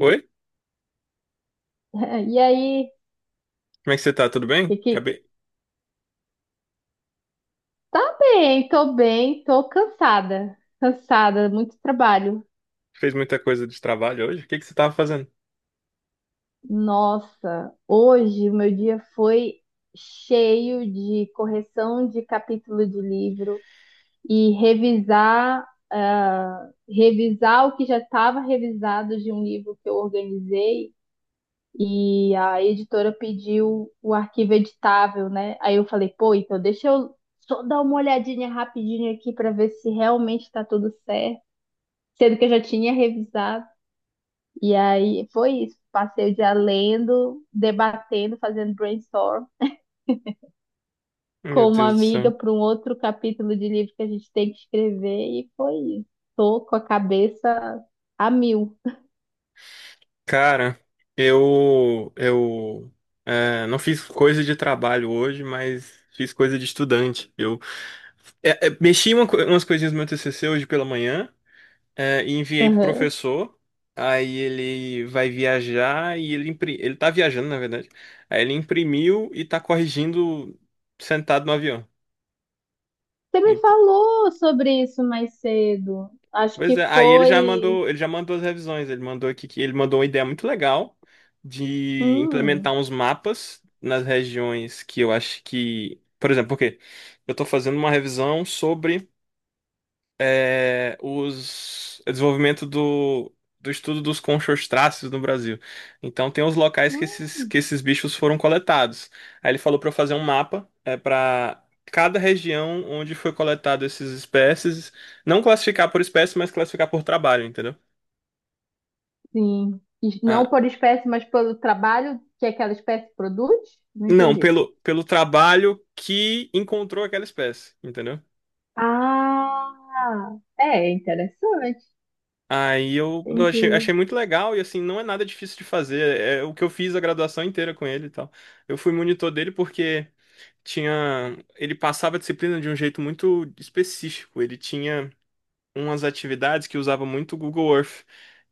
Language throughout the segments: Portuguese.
Oi? E aí, Como é que você tá? Tudo bem? e Acabei. tá bem, tô cansada, cansada, muito trabalho. Fez muita coisa de trabalho hoje? O que que você tava fazendo? Nossa, hoje o meu dia foi cheio de correção de capítulo de livro e revisar o que já estava revisado de um livro que eu organizei. E a editora pediu o arquivo editável, né? Aí eu falei, pô, então deixa eu só dar uma olhadinha rapidinho aqui para ver se realmente tá tudo certo, sendo que eu já tinha revisado. E aí foi isso, passei o dia lendo, debatendo, fazendo brainstorm Meu com uma Deus do amiga céu. para um outro capítulo de livro que a gente tem que escrever e foi isso. Tô com a cabeça a mil. Cara, eu não fiz coisa de trabalho hoje, mas fiz coisa de estudante. Eu mexi umas coisinhas no meu TCC hoje pela manhã e enviei pro Aham. professor. Aí ele vai viajar e ele tá viajando, na verdade. Aí ele imprimiu e tá corrigindo sentado no avião. Você me Então, falou sobre isso mais cedo. Acho pois é, que aí ele já foi. mandou, ele já mandou as revisões, ele mandou aqui que ele mandou uma ideia muito legal de implementar Hum, uns mapas nas regiões que eu acho que, por exemplo, porque eu estou fazendo uma revisão sobre os o desenvolvimento do estudo dos conchostráceos no Brasil. Então tem os locais que esses, hum, que esses bichos foram coletados. Aí ele falou para eu fazer um mapa para cada região onde foi coletado esses espécies, não classificar por espécie, mas classificar por trabalho, entendeu? sim. E Ah, não por espécie, mas pelo trabalho que aquela espécie produz? Não não, entendi. pelo trabalho que encontrou aquela espécie, entendeu? Ah, é interessante. Aí eu achei Entendi. muito legal e assim, não é nada difícil de fazer. É o que eu fiz a graduação inteira com ele e tal. Eu fui monitor dele porque tinha. Ele passava a disciplina de um jeito muito específico. Ele tinha umas atividades que usava muito o Google Earth.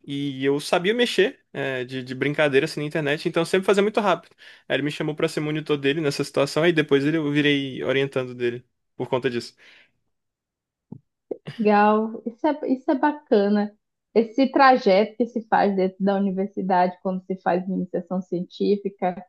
E eu sabia mexer, de brincadeira assim na internet, então eu sempre fazia muito rápido. Aí ele me chamou pra ser monitor dele nessa situação, aí depois eu virei orientando dele por conta disso. Legal. Isso é bacana. Esse trajeto que se faz dentro da universidade quando se faz iniciação científica.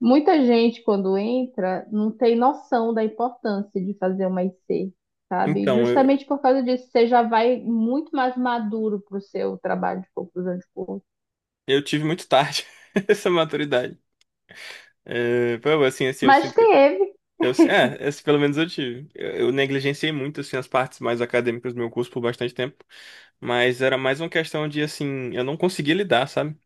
Muita gente, quando entra, não tem noção da importância de fazer uma IC, sabe? Então, eu, Justamente por causa disso, você já vai muito mais maduro para o seu trabalho de conclusão de curso. eu tive muito tarde essa maturidade. É, pô, assim, eu Mas sinto que. teve, Esse pelo menos eu tive. Eu negligenciei muito, assim, as partes mais acadêmicas do meu curso por bastante tempo. Mas era mais uma questão de, assim, eu não conseguia lidar, sabe?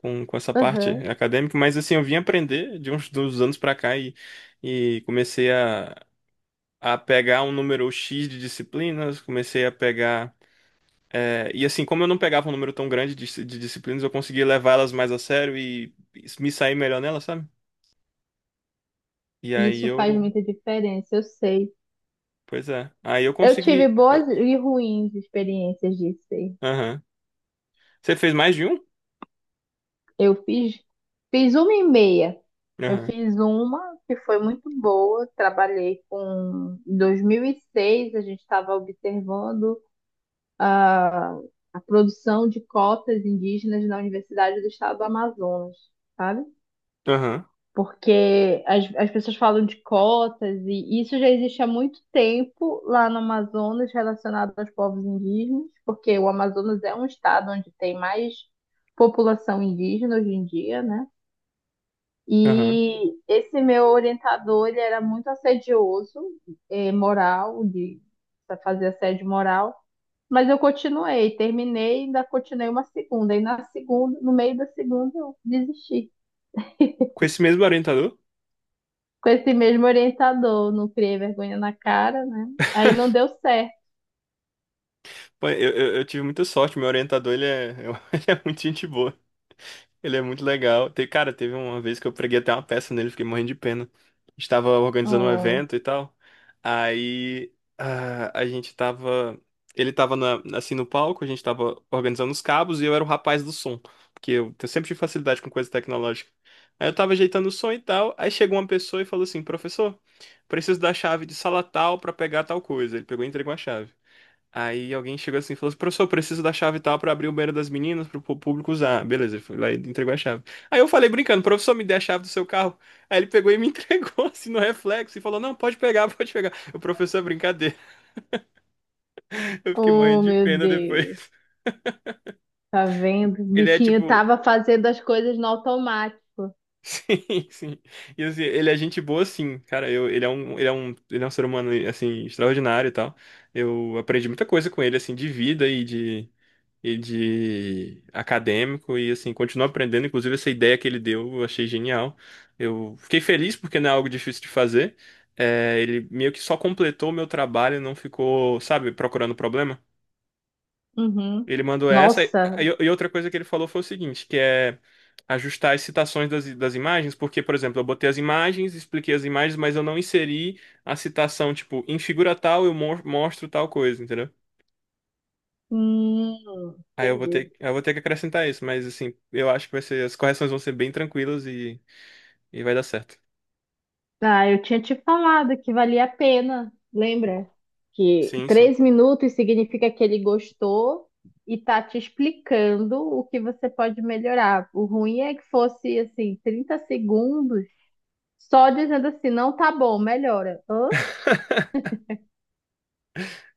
Com essa parte aham, acadêmica. Mas, assim, eu vim aprender de uns dos anos pra cá e comecei a pegar um número X de disciplinas, comecei a pegar. E, assim, como eu não pegava um número tão grande de disciplinas, eu conseguia levá-las mais a sério e me sair melhor nelas, sabe? E e aí isso faz eu muita diferença, eu sei. Pois é. Aí eu Eu tive consegui. Boas e ruins experiências de IC. Aham. Você fez mais de um? Eu fiz, uma e meia. Eu Aham. fiz uma que foi muito boa, trabalhei com. Em 2006, a gente estava observando a, a produção de cotas indígenas na Universidade do Estado do Amazonas, sabe? Aham. Porque as pessoas falam de cotas e isso já existe há muito tempo lá no Amazonas relacionado aos povos indígenas, porque o Amazonas é um estado onde tem mais população indígena hoje em dia, né? Aham. E esse meu orientador, ele era muito assedioso, moral, de pra fazer assédio moral, mas eu continuei, terminei, ainda continuei uma segunda, e na segunda, no meio da segunda, eu desisti. Com esse mesmo orientador? Com esse mesmo orientador, não criei vergonha na cara, né? Aí não deu certo. Pô, eu tive muita sorte. Meu orientador, ele é muito gente boa. Ele é muito legal. Cara, teve uma vez que eu preguei até uma peça nele, fiquei morrendo de pena. Estava organizando um Oh, evento e tal. Aí ah, a gente tava. Ele tava assim no palco, a gente tava organizando os cabos e eu era o rapaz do som. Porque eu, sempre tive facilidade com coisa tecnológica. Aí eu tava ajeitando o som e tal. Aí chegou uma pessoa e falou assim: Professor, preciso da chave de sala tal pra pegar tal coisa. Ele pegou e entregou a chave. Aí alguém chegou assim e falou assim: professor, preciso da chave e tal pra abrir o banheiro das meninas pro público usar. Beleza, ele foi lá e entregou a chave. Aí eu falei brincando: professor, me dê a chave do seu carro. Aí ele pegou e me entregou assim no reflexo e falou: não, pode pegar, pode pegar. O professor, brincadeira. Eu fiquei oh, morrendo de meu pena depois. Deus, tá vendo? O Ele é bichinho tipo, tava fazendo as coisas no automático. sim, sim. E assim, ele é gente boa sim, cara. Eu, ele é um, ele é um, ele é um ser humano assim extraordinário e tal. Eu aprendi muita coisa com ele assim de vida e de acadêmico e assim, continuo aprendendo. Inclusive, essa ideia que ele deu, eu achei genial. Eu fiquei feliz porque não é algo difícil de fazer. É, ele meio que só completou o meu trabalho, não ficou, sabe, procurando problema. Uhum. Ele mandou essa. E, Nossa, e outra coisa que ele falou foi o seguinte, que é ajustar as citações das imagens, porque, por exemplo, eu botei as imagens, expliquei as imagens, mas eu não inseri a citação, tipo, em figura tal eu mostro tal coisa, entendeu? hum, Aí eu vou entendi. ter, eu vou ter que acrescentar isso, mas assim, eu acho que vai ser, as correções vão ser bem tranquilas e vai dar certo. Ah, eu tinha te falado que valia a pena, lembra? Que Sim, sim. 3 minutos significa que ele gostou e tá te explicando o que você pode melhorar. O ruim é que fosse assim, 30 segundos, só dizendo assim, não tá bom, melhora. Hã?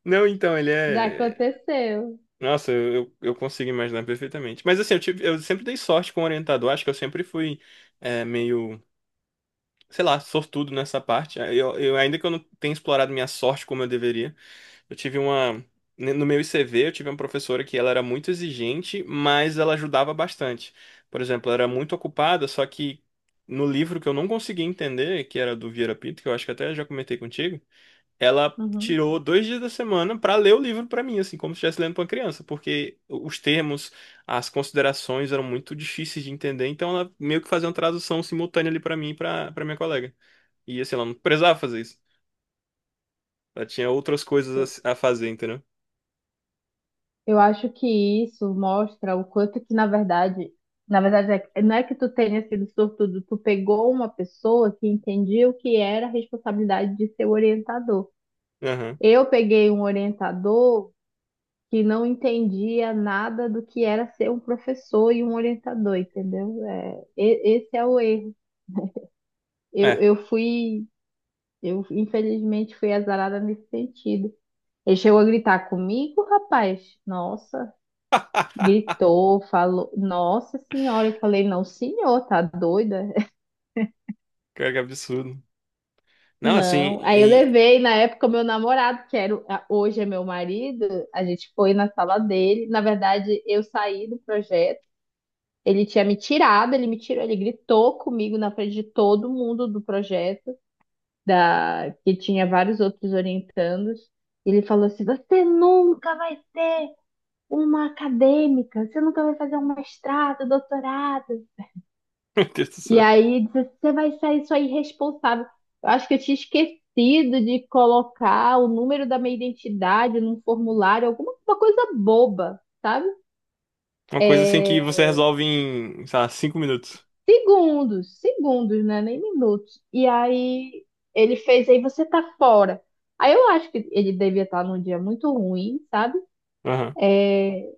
Não, então, ele Já é. aconteceu. Nossa, eu consigo imaginar perfeitamente. Mas assim, eu sempre dei sorte com o orientador, acho que eu sempre fui meio, sei lá, sortudo nessa parte. Eu, ainda que eu não tenha explorado minha sorte como eu deveria, eu tive uma. No meu ICV, eu tive uma professora que ela era muito exigente, mas ela ajudava bastante. Por exemplo, ela era muito ocupada, só que no livro que eu não conseguia entender, que era do Vieira Pinto, que eu acho que até já comentei contigo, ela Uhum. tirou 2 dias da semana para ler o livro para mim, assim, como se estivesse lendo para uma criança, porque os termos, as considerações eram muito difíceis de entender, então ela meio que fazia uma tradução simultânea ali para mim e para minha colega. E assim, ela não precisava fazer isso. Ela tinha outras coisas a fazer, entendeu? Eu acho que isso mostra o quanto que, na verdade, não é que tu tenha sido sortudo, tu pegou uma pessoa que entendia o que era a responsabilidade de ser orientador. Aham. Eu peguei um orientador que não entendia nada do que era ser um professor e um orientador, entendeu? É, esse é o erro. Eu, É, eu fui, eu infelizmente fui azarada nesse sentido. Ele chegou a gritar comigo, rapaz. Nossa, gritou, falou. Nossa senhora, eu falei, não, senhor, tá doida? cara, que é absurdo. Não, assim, Não. Aí eu levei, na época, o meu namorado, que era, hoje é meu marido, a gente foi na sala dele. Na verdade, eu saí do projeto. Ele tinha me tirado, ele me tirou, ele gritou comigo na frente de todo mundo do projeto, da que tinha vários outros orientandos. Ele falou assim: "Você nunca vai ser uma acadêmica, você nunca vai fazer um mestrado, um doutorado". Meu Deus do E céu. aí disse, você vai sair só irresponsável. Eu acho que eu tinha esquecido de colocar o número da minha identidade num formulário, alguma uma coisa boba, sabe? Uma coisa assim que É, você resolve em, sei lá, 5 minutos. segundos, segundos, né? Nem minutos. E aí ele fez, aí você tá fora. Aí eu acho que ele devia estar num dia muito ruim, sabe? Aham.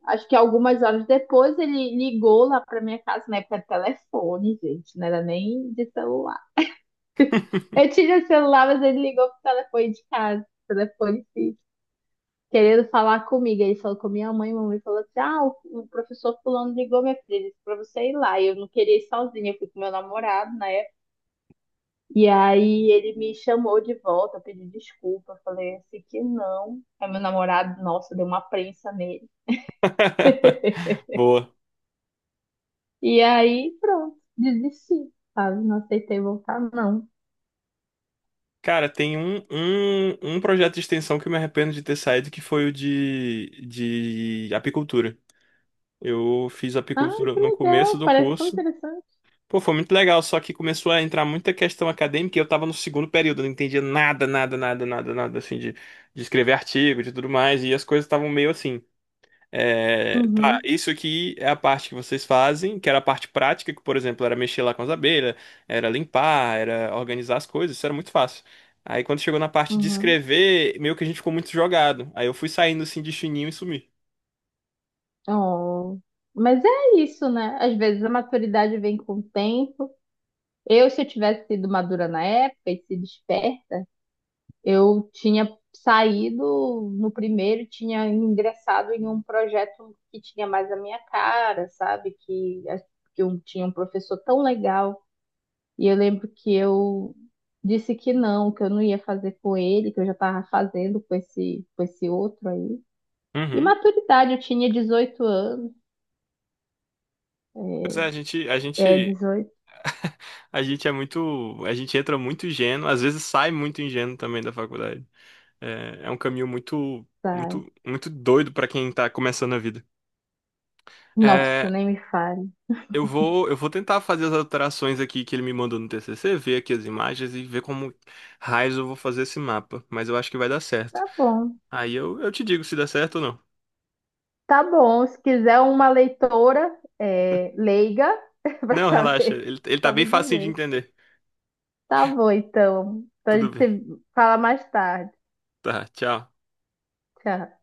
Acho que algumas horas depois ele ligou lá pra minha casa, na época de telefone, gente, não era nem de celular. Eu tinha celular, mas ele ligou pro telefone de casa, telefone fixo, querendo falar comigo. Aí ele falou com minha mãe, mamãe falou assim: ah, o professor fulano ligou, minha filha, disse pra você ir lá. E eu não queria ir sozinha, eu fui com meu namorado, né? E aí ele me chamou de volta, eu pedi desculpa, eu falei assim que não. Aí meu namorado, nossa, deu uma prensa nele. Boa. E aí, pronto, desisti, sabe? Não aceitei voltar, não. Cara, tem um projeto de extensão que eu me arrependo de ter saído, que foi o de apicultura. Eu fiz Ah, apicultura que no começo legal, do parece tão curso. interessante. Pô, foi muito legal, só que começou a entrar muita questão acadêmica e eu tava no segundo período, eu não entendia nada, nada, nada, nada, nada, assim, de escrever artigo, de tudo mais, e as coisas estavam meio assim. É, tá, Uhum, isso aqui é a parte que vocês fazem, que era a parte prática, que, por exemplo, era mexer lá com as abelhas, era limpar, era organizar as coisas, isso era muito fácil. Aí quando chegou na parte de uhum. escrever, meio que a gente ficou muito jogado. Aí eu fui saindo assim de chininho e sumi. Oh. Mas é isso, né? Às vezes a maturidade vem com o tempo. Eu, se eu tivesse sido madura na época e sido esperta, eu tinha saído no primeiro, e tinha ingressado em um projeto que tinha mais a minha cara, sabe? Que eu tinha um professor tão legal. E eu lembro que eu disse que não, que eu não ia fazer com ele, que eu já estava fazendo com esse outro aí. E Uhum. maturidade, eu tinha 18 anos. Pois é, É, 18, a gente entra muito ingênuo, às vezes sai muito ingênuo também da faculdade. É um caminho muito, tá. muito, muito doido pra quem tá começando a vida. Nossa, nem me fale. Eu vou tentar fazer as alterações aqui que ele me mandou no TCC, ver aqui as imagens e ver como raios eu vou fazer esse mapa. Mas eu acho que vai dar Tá certo. bom. Aí eu te digo se dá certo ou não. Tá bom, se quiser uma leitora leiga, para Não, relaxa. saber, Ele, é ele tá só bem me facinho de dizer. entender. Tá bom, então. Então a Tudo gente bem. se fala mais tarde. Tá, tchau. Tchau.